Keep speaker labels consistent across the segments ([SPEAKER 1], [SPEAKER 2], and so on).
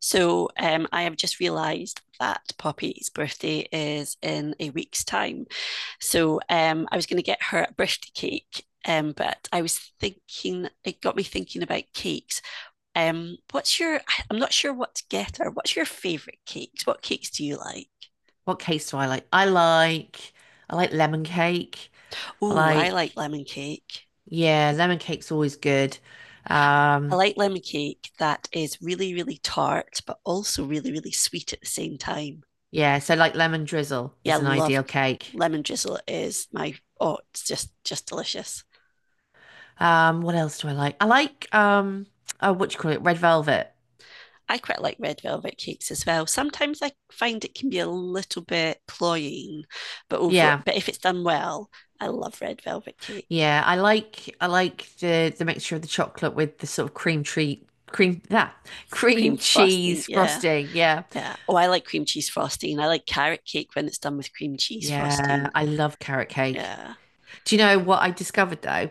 [SPEAKER 1] So I have just realised that Poppy's birthday is in a week's time. So I was going to get her a birthday cake, but I was thinking, it got me thinking about cakes. I am not sure what to get her. What's your favourite cakes? What cakes do you like?
[SPEAKER 2] What cakes do I like? I like lemon cake. I
[SPEAKER 1] Oh, I like
[SPEAKER 2] like
[SPEAKER 1] lemon cake.
[SPEAKER 2] yeah, lemon cake's always good.
[SPEAKER 1] I
[SPEAKER 2] Um
[SPEAKER 1] like lemon cake that is really, really tart, but also really, really sweet at the same time.
[SPEAKER 2] yeah, so like lemon drizzle
[SPEAKER 1] Yeah, I
[SPEAKER 2] is an
[SPEAKER 1] love
[SPEAKER 2] ideal cake.
[SPEAKER 1] lemon drizzle. It is my, oh, it's just delicious.
[SPEAKER 2] Um, what else do I like? I like oh, what do you call it? Red velvet.
[SPEAKER 1] I quite like red velvet cakes as well. Sometimes I find it can be a little bit cloying, but over
[SPEAKER 2] Yeah.
[SPEAKER 1] but if it's done well, I love red velvet cake.
[SPEAKER 2] Yeah, I like the mixture of the chocolate with the sort of cream that
[SPEAKER 1] Cream
[SPEAKER 2] cream
[SPEAKER 1] frosting,
[SPEAKER 2] cheese
[SPEAKER 1] yeah.
[SPEAKER 2] frosting. Yeah.
[SPEAKER 1] Yeah. Oh, I like cream cheese frosting. I like carrot cake when it's done with cream cheese
[SPEAKER 2] Yeah,
[SPEAKER 1] frosting.
[SPEAKER 2] I love carrot cake.
[SPEAKER 1] Yeah.
[SPEAKER 2] Do you know what I discovered though?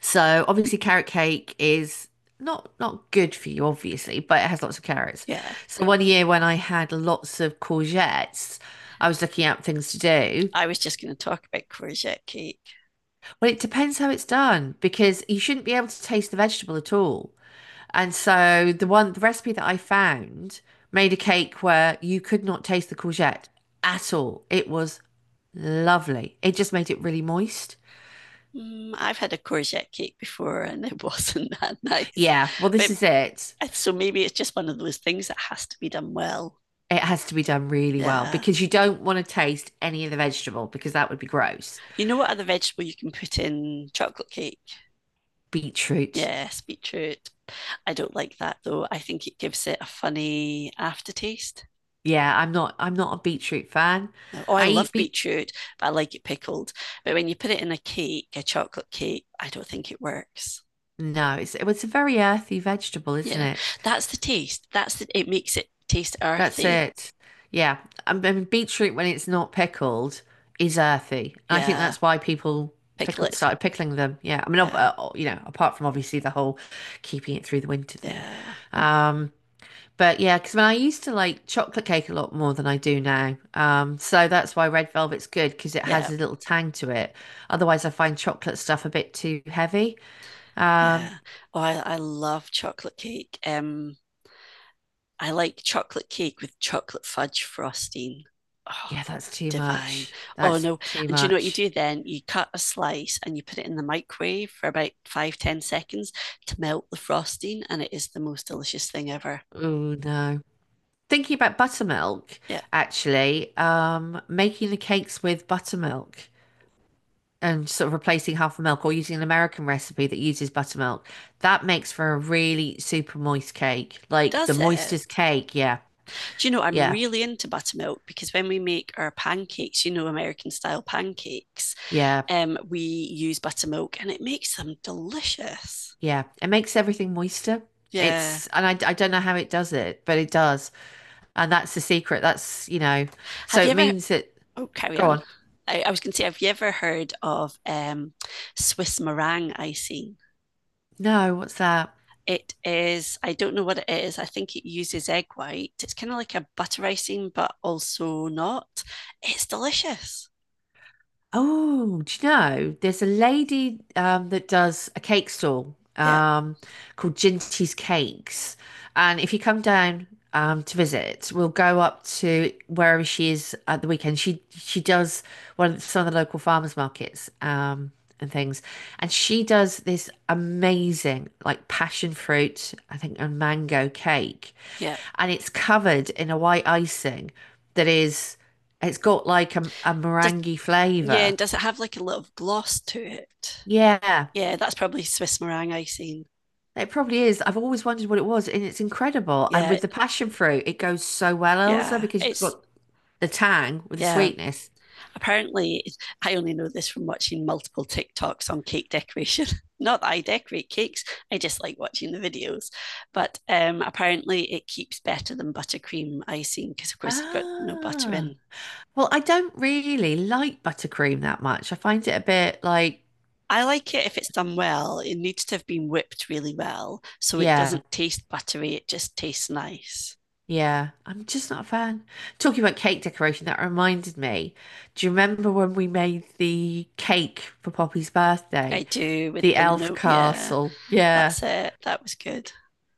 [SPEAKER 2] So obviously carrot cake is not good for you, obviously, but it has lots of carrots.
[SPEAKER 1] Yeah.
[SPEAKER 2] So 1 year when I had lots of courgettes, I was looking at things to do.
[SPEAKER 1] I was just going to talk about courgette cake.
[SPEAKER 2] Well, it depends how it's done because you shouldn't be able to taste the vegetable at all. And so the recipe that I found made a cake where you could not taste the courgette at all. It was lovely. It just made it really moist.
[SPEAKER 1] I've had a courgette cake before and it wasn't that nice.
[SPEAKER 2] Yeah, well, this
[SPEAKER 1] But
[SPEAKER 2] is it.
[SPEAKER 1] so maybe it's just one of those things that has to be done well.
[SPEAKER 2] It has to be done really well
[SPEAKER 1] Yeah.
[SPEAKER 2] because you don't want to taste any of the vegetable because that would be gross.
[SPEAKER 1] You know what other vegetable you can put in chocolate cake?
[SPEAKER 2] Beetroot.
[SPEAKER 1] Yes, beetroot. I don't like that though. I think it gives it a funny aftertaste.
[SPEAKER 2] Yeah, I'm not a beetroot fan.
[SPEAKER 1] Oh, I
[SPEAKER 2] I eat
[SPEAKER 1] love
[SPEAKER 2] beet
[SPEAKER 1] beetroot, but I like it pickled. But when you put it in a cake, a chocolate cake, I don't think it works.
[SPEAKER 2] No, it's it's a very earthy vegetable, isn't
[SPEAKER 1] Yeah,
[SPEAKER 2] it?
[SPEAKER 1] that's the taste. That's the, it makes it taste
[SPEAKER 2] That's
[SPEAKER 1] earthy.
[SPEAKER 2] it. Yeah. I mean beetroot when it's not pickled is earthy. And I think
[SPEAKER 1] Yeah,
[SPEAKER 2] that's why people
[SPEAKER 1] pickle
[SPEAKER 2] pickled
[SPEAKER 1] it.
[SPEAKER 2] started pickling them. Yeah. I mean
[SPEAKER 1] Yeah,
[SPEAKER 2] you know, apart from obviously the whole keeping it through the winter thing.
[SPEAKER 1] yeah,
[SPEAKER 2] Um But yeah, because when I used to like chocolate cake a lot more than I do now. So that's why red velvet's good because it
[SPEAKER 1] yeah,
[SPEAKER 2] has a little tang to it. Otherwise, I find chocolate stuff a bit too heavy. Um,
[SPEAKER 1] yeah. Oh, I love chocolate cake. I like chocolate cake with chocolate fudge frosting. Oh,
[SPEAKER 2] yeah, that's too
[SPEAKER 1] divine.
[SPEAKER 2] much.
[SPEAKER 1] Oh
[SPEAKER 2] That's
[SPEAKER 1] no.
[SPEAKER 2] too
[SPEAKER 1] And do you know what you
[SPEAKER 2] much.
[SPEAKER 1] do then? You cut a slice and you put it in the microwave for about 5, 10 seconds to melt the frosting, and it is the most delicious thing ever.
[SPEAKER 2] Oh no. Thinking about buttermilk,
[SPEAKER 1] Yeah,
[SPEAKER 2] actually, making the cakes with buttermilk and sort of replacing half the milk or using an American recipe that uses buttermilk, that makes for a really super moist cake. Like the
[SPEAKER 1] does
[SPEAKER 2] moistest
[SPEAKER 1] it?
[SPEAKER 2] cake, yeah.
[SPEAKER 1] Do you know I'm
[SPEAKER 2] Yeah.
[SPEAKER 1] really into buttermilk because when we make our pancakes, American style pancakes,
[SPEAKER 2] Yeah,
[SPEAKER 1] we use buttermilk and it makes them delicious.
[SPEAKER 2] yeah. It makes everything moister.
[SPEAKER 1] Yeah.
[SPEAKER 2] And I don't know how it does it, but it does. And that's the secret. That's, you know, so
[SPEAKER 1] Have you
[SPEAKER 2] it
[SPEAKER 1] ever.
[SPEAKER 2] means that,
[SPEAKER 1] Oh, carry
[SPEAKER 2] go
[SPEAKER 1] on.
[SPEAKER 2] on.
[SPEAKER 1] I was going to say, have you ever heard of Swiss meringue icing?
[SPEAKER 2] No, what's that?
[SPEAKER 1] It is, I don't know what it is. I think it uses egg white. It's kind of like a butter icing, but also not. It's delicious.
[SPEAKER 2] Oh, do you know, there's a lady that does a cake stall
[SPEAKER 1] Yeah,
[SPEAKER 2] called Ginty's Cakes. And if you come down to visit, we'll go up to wherever she is at the weekend. She does some of the local farmers markets and things. And she does this amazing like passion fruit, I think, and mango cake.
[SPEAKER 1] yeah.
[SPEAKER 2] And it's covered in a white icing that is, it's got like a
[SPEAKER 1] Does,
[SPEAKER 2] meringue
[SPEAKER 1] yeah,
[SPEAKER 2] flavor.
[SPEAKER 1] and does it have like a little gloss to it?
[SPEAKER 2] Yeah,
[SPEAKER 1] Yeah, that's probably Swiss meringue icing.
[SPEAKER 2] it probably is. I've always wondered what it was, and it's incredible. And
[SPEAKER 1] Yeah,
[SPEAKER 2] with the passion fruit, it goes so well, Elsa,
[SPEAKER 1] yeah.
[SPEAKER 2] because you've
[SPEAKER 1] It's,
[SPEAKER 2] got the tang with the
[SPEAKER 1] yeah,
[SPEAKER 2] sweetness.
[SPEAKER 1] apparently I only know this from watching multiple TikToks on cake decoration. Not that I decorate cakes, I just like watching the videos. But apparently it keeps better than buttercream icing because of course it's got no butter
[SPEAKER 2] Ah,
[SPEAKER 1] in.
[SPEAKER 2] well, I don't really like buttercream that much. I find it a bit like,
[SPEAKER 1] I like it if it's done well. It needs to have been whipped really well so it
[SPEAKER 2] yeah,
[SPEAKER 1] doesn't taste buttery, it just tastes nice.
[SPEAKER 2] yeah, I'm just not a fan. Talking about cake decoration, that reminded me. Do you remember when we made the cake for Poppy's
[SPEAKER 1] I
[SPEAKER 2] birthday?
[SPEAKER 1] do, with
[SPEAKER 2] The
[SPEAKER 1] the
[SPEAKER 2] elf
[SPEAKER 1] note, yeah.
[SPEAKER 2] castle. Yeah.
[SPEAKER 1] That's it, that was good.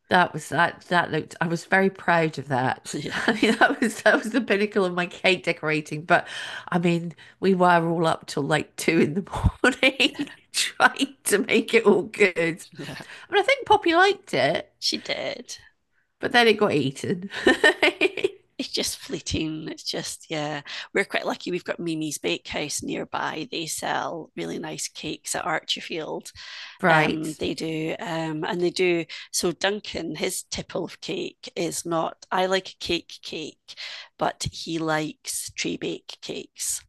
[SPEAKER 2] That that looked I was very proud of that. I mean
[SPEAKER 1] Yes.
[SPEAKER 2] that was the pinnacle of my cake decorating. But I mean, we were all up till like two in the morning
[SPEAKER 1] Yeah,
[SPEAKER 2] trying to make it all good.
[SPEAKER 1] yeah,
[SPEAKER 2] I mean I think Poppy liked it,
[SPEAKER 1] she did.
[SPEAKER 2] but then it got eaten.
[SPEAKER 1] It's just fleeting. It's just, yeah. We're quite lucky. We've got Mimi's Bakehouse nearby. They sell really nice cakes at Archerfield.
[SPEAKER 2] Right.
[SPEAKER 1] They do. And they do. So Duncan, his tipple of cake is not, I like a cake cake, but he likes tree bake cakes.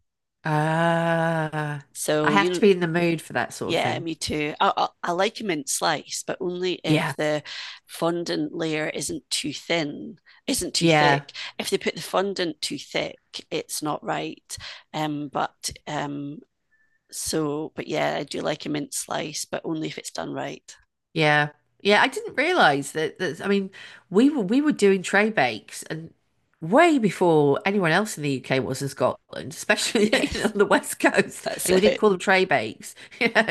[SPEAKER 2] Uh, I
[SPEAKER 1] So, you
[SPEAKER 2] have to
[SPEAKER 1] know,
[SPEAKER 2] be in the mood for that sort of
[SPEAKER 1] yeah,
[SPEAKER 2] thing.
[SPEAKER 1] me too. I like a mint slice, but only if
[SPEAKER 2] Yeah.
[SPEAKER 1] the fondant layer isn't too thin, isn't too
[SPEAKER 2] Yeah.
[SPEAKER 1] thick. If they put the fondant too thick, it's not right. But so, but yeah, I do like a mint slice, but only if it's done right.
[SPEAKER 2] Yeah. Yeah, I didn't realize that I mean, we were doing tray bakes and way before anyone else in the UK was in Scotland, especially you know,
[SPEAKER 1] Yes,
[SPEAKER 2] on the West Coast.
[SPEAKER 1] that's
[SPEAKER 2] And we didn't
[SPEAKER 1] it.
[SPEAKER 2] call them tray bakes, you know.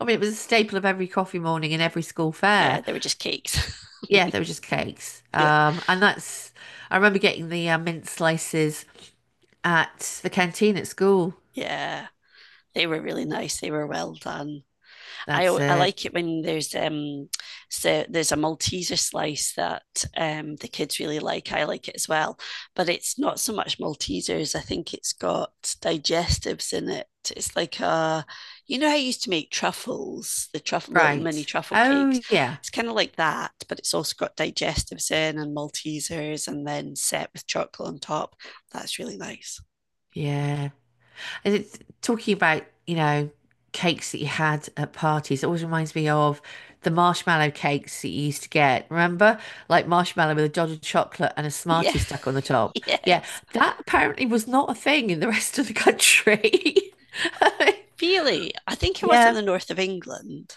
[SPEAKER 2] I mean, it was a staple of every coffee morning and every school
[SPEAKER 1] Yeah,
[SPEAKER 2] fair.
[SPEAKER 1] they were just cakes.
[SPEAKER 2] Yeah, they were just cakes.
[SPEAKER 1] Yeah,
[SPEAKER 2] And that's I remember getting the mint slices at the canteen at school.
[SPEAKER 1] yeah, they were really nice. They were well done. I,
[SPEAKER 2] That's
[SPEAKER 1] I
[SPEAKER 2] it.
[SPEAKER 1] like it when there's a Malteser slice that the kids really like. I like it as well, but it's not so much Maltesers. I think it's got digestives in it. It's like a, you know how I used to make truffles, the truffle little mini
[SPEAKER 2] Right.
[SPEAKER 1] truffle cakes.
[SPEAKER 2] Oh yeah.
[SPEAKER 1] It's kind of like that, but it's also got digestives in and Maltesers, and then set with chocolate on top. That's really nice.
[SPEAKER 2] Yeah. It's talking about, you know, cakes that you had at parties. It always reminds me of the marshmallow cakes that you used to get. Remember? Like marshmallow with a dot of chocolate and a
[SPEAKER 1] Yeah,
[SPEAKER 2] Smartie stuck on the top. Yeah,
[SPEAKER 1] yes.
[SPEAKER 2] that apparently was not a thing in the rest of the country.
[SPEAKER 1] Really, I think it was in
[SPEAKER 2] Yeah,
[SPEAKER 1] the north of England.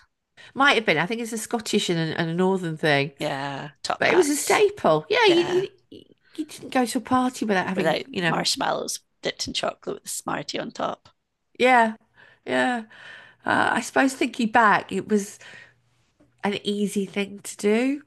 [SPEAKER 2] might have been. I think it's a Scottish and and a northern thing,
[SPEAKER 1] Yeah, top
[SPEAKER 2] but it was a
[SPEAKER 1] hats.
[SPEAKER 2] staple. Yeah,
[SPEAKER 1] Yeah,
[SPEAKER 2] you didn't go to a party without having,
[SPEAKER 1] without
[SPEAKER 2] you know,
[SPEAKER 1] marshmallows dipped in chocolate with a Smartie on top.
[SPEAKER 2] yeah, yeah. I suppose thinking back, it was an easy thing to do,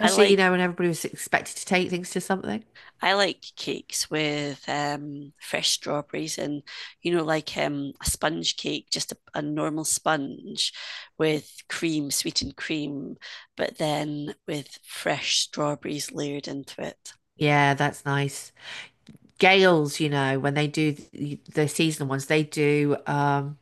[SPEAKER 1] I
[SPEAKER 2] you
[SPEAKER 1] like
[SPEAKER 2] know, when everybody was expected to take things to something.
[SPEAKER 1] I like cakes with fresh strawberries and you know like a sponge cake, just a normal sponge with cream, sweetened cream, but then with fresh strawberries layered into it.
[SPEAKER 2] Yeah, that's nice. Gales, you know, when they do the seasonal ones, they do um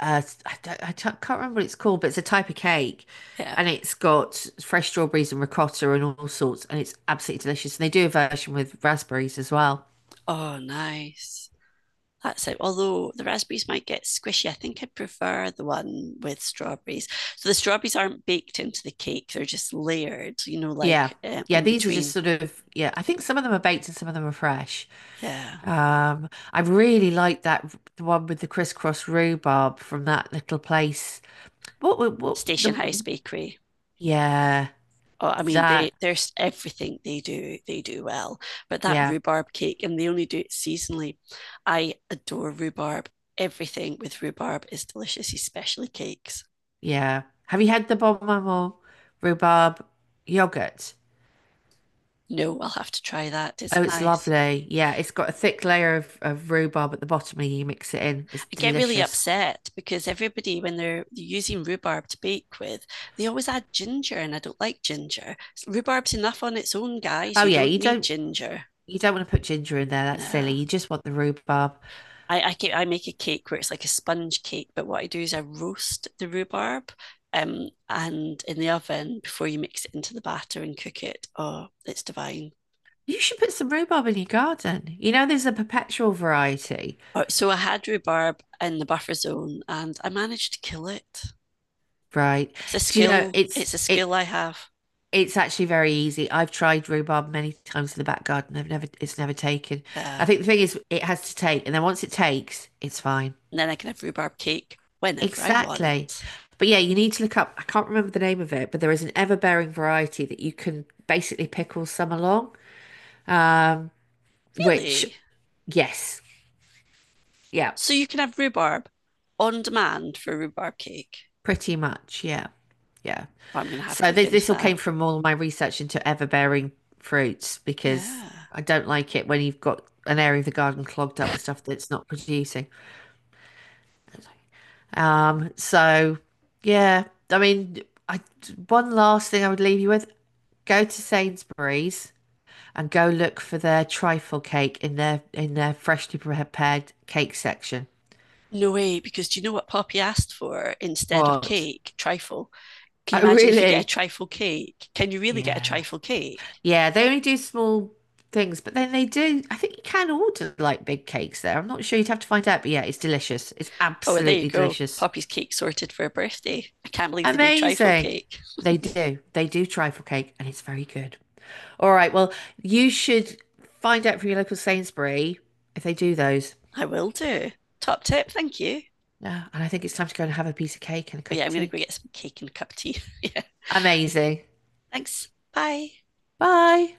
[SPEAKER 2] uh I don't, can't remember what it's called, but it's a type of cake
[SPEAKER 1] Yeah.
[SPEAKER 2] and it's got fresh strawberries and ricotta and all sorts and it's absolutely delicious. And they do a version with raspberries as well.
[SPEAKER 1] Oh, nice. That's it. Although the raspberries might get squishy, I think I prefer the one with strawberries. So the strawberries aren't baked into the cake; they're just layered. You know,
[SPEAKER 2] Yeah.
[SPEAKER 1] like
[SPEAKER 2] Yeah,
[SPEAKER 1] in
[SPEAKER 2] these are just
[SPEAKER 1] between.
[SPEAKER 2] yeah, I think some of them are baked and some of them are fresh.
[SPEAKER 1] Yeah,
[SPEAKER 2] I really like that the one with the crisscross rhubarb from that little place. What wa- what
[SPEAKER 1] Station House
[SPEAKER 2] the
[SPEAKER 1] Bakery.
[SPEAKER 2] Yeah,
[SPEAKER 1] Oh, I mean,
[SPEAKER 2] that
[SPEAKER 1] they there's everything they do. They do well. But that
[SPEAKER 2] yeah,
[SPEAKER 1] rhubarb cake, and they only do it seasonally. I adore rhubarb. Everything with rhubarb is delicious, especially cakes.
[SPEAKER 2] yeah. Have you had the Bon Maman rhubarb yogurt?
[SPEAKER 1] No, I'll have to try that. Is
[SPEAKER 2] Oh,
[SPEAKER 1] it
[SPEAKER 2] it's
[SPEAKER 1] nice?
[SPEAKER 2] lovely. Yeah, it's got a thick layer of rhubarb at the bottom and you mix it in. It's
[SPEAKER 1] I get really
[SPEAKER 2] delicious.
[SPEAKER 1] upset because everybody, when they're, using rhubarb to bake with, they always add ginger, and I don't like ginger. Rhubarb's enough on its own, guys.
[SPEAKER 2] Oh
[SPEAKER 1] You
[SPEAKER 2] yeah,
[SPEAKER 1] don't need ginger.
[SPEAKER 2] you don't want to put ginger in there. That's silly.
[SPEAKER 1] No.
[SPEAKER 2] You just want the rhubarb.
[SPEAKER 1] I make a cake where it's like a sponge cake, but what I do is I roast the rhubarb and in the oven before you mix it into the batter and cook it. Oh, it's divine.
[SPEAKER 2] You should put some rhubarb in your garden. You know, there's a perpetual variety.
[SPEAKER 1] Oh, so I had rhubarb in the buffer zone and I managed to kill it.
[SPEAKER 2] Right.
[SPEAKER 1] It's a
[SPEAKER 2] Do you know
[SPEAKER 1] skill. It's a skill I have.
[SPEAKER 2] it's actually very easy. I've tried rhubarb many times in the back garden. I've never It's never taken. I
[SPEAKER 1] Yeah.
[SPEAKER 2] think the thing is it has to take, and then once it takes, it's fine.
[SPEAKER 1] And then I can have rhubarb cake whenever I
[SPEAKER 2] Exactly.
[SPEAKER 1] want.
[SPEAKER 2] But yeah, you need to look up. I can't remember the name of it, but there is an ever-bearing variety that you can basically pick all summer long. Um, which
[SPEAKER 1] Really?
[SPEAKER 2] Yes, yeah,
[SPEAKER 1] So you can have rhubarb on demand for rhubarb cake.
[SPEAKER 2] pretty much, yeah, yeah.
[SPEAKER 1] Well, I'm going to have to
[SPEAKER 2] So
[SPEAKER 1] look into
[SPEAKER 2] this all
[SPEAKER 1] that.
[SPEAKER 2] came from all my research into ever-bearing fruits because
[SPEAKER 1] Yeah.
[SPEAKER 2] I don't like it when you've got an area of the garden clogged up with stuff that's not producing. So yeah, I mean, I one last thing I would leave you with: go to Sainsbury's and go look for their trifle cake in their freshly prepared cake section.
[SPEAKER 1] No way, because do you know what Poppy asked for instead of
[SPEAKER 2] What?
[SPEAKER 1] cake? Trifle. Can you
[SPEAKER 2] Oh,
[SPEAKER 1] imagine if you get a
[SPEAKER 2] really?
[SPEAKER 1] trifle cake? Can you really get a
[SPEAKER 2] Yeah.
[SPEAKER 1] trifle cake?
[SPEAKER 2] Yeah, they only do small things, but then they do. I think you can order like big cakes there. I'm not sure you'd have to find out, but yeah, it's delicious. It's
[SPEAKER 1] Oh, well, there you
[SPEAKER 2] absolutely
[SPEAKER 1] go.
[SPEAKER 2] delicious.
[SPEAKER 1] Poppy's cake sorted for her birthday. I can't believe they do trifle
[SPEAKER 2] Amazing.
[SPEAKER 1] cake.
[SPEAKER 2] They do. They do trifle cake, and it's very good. All right. Well, you should find out from your local Sainsbury if they do those.
[SPEAKER 1] I will do. Top tip, thank you.
[SPEAKER 2] Yeah, and I think it's time to go and have a piece of cake and a
[SPEAKER 1] Oh
[SPEAKER 2] cup
[SPEAKER 1] yeah,
[SPEAKER 2] of
[SPEAKER 1] I'm going to
[SPEAKER 2] tea.
[SPEAKER 1] go get some cake and a cup of tea. Yeah.
[SPEAKER 2] Amazing.
[SPEAKER 1] Thanks. Bye.
[SPEAKER 2] Bye.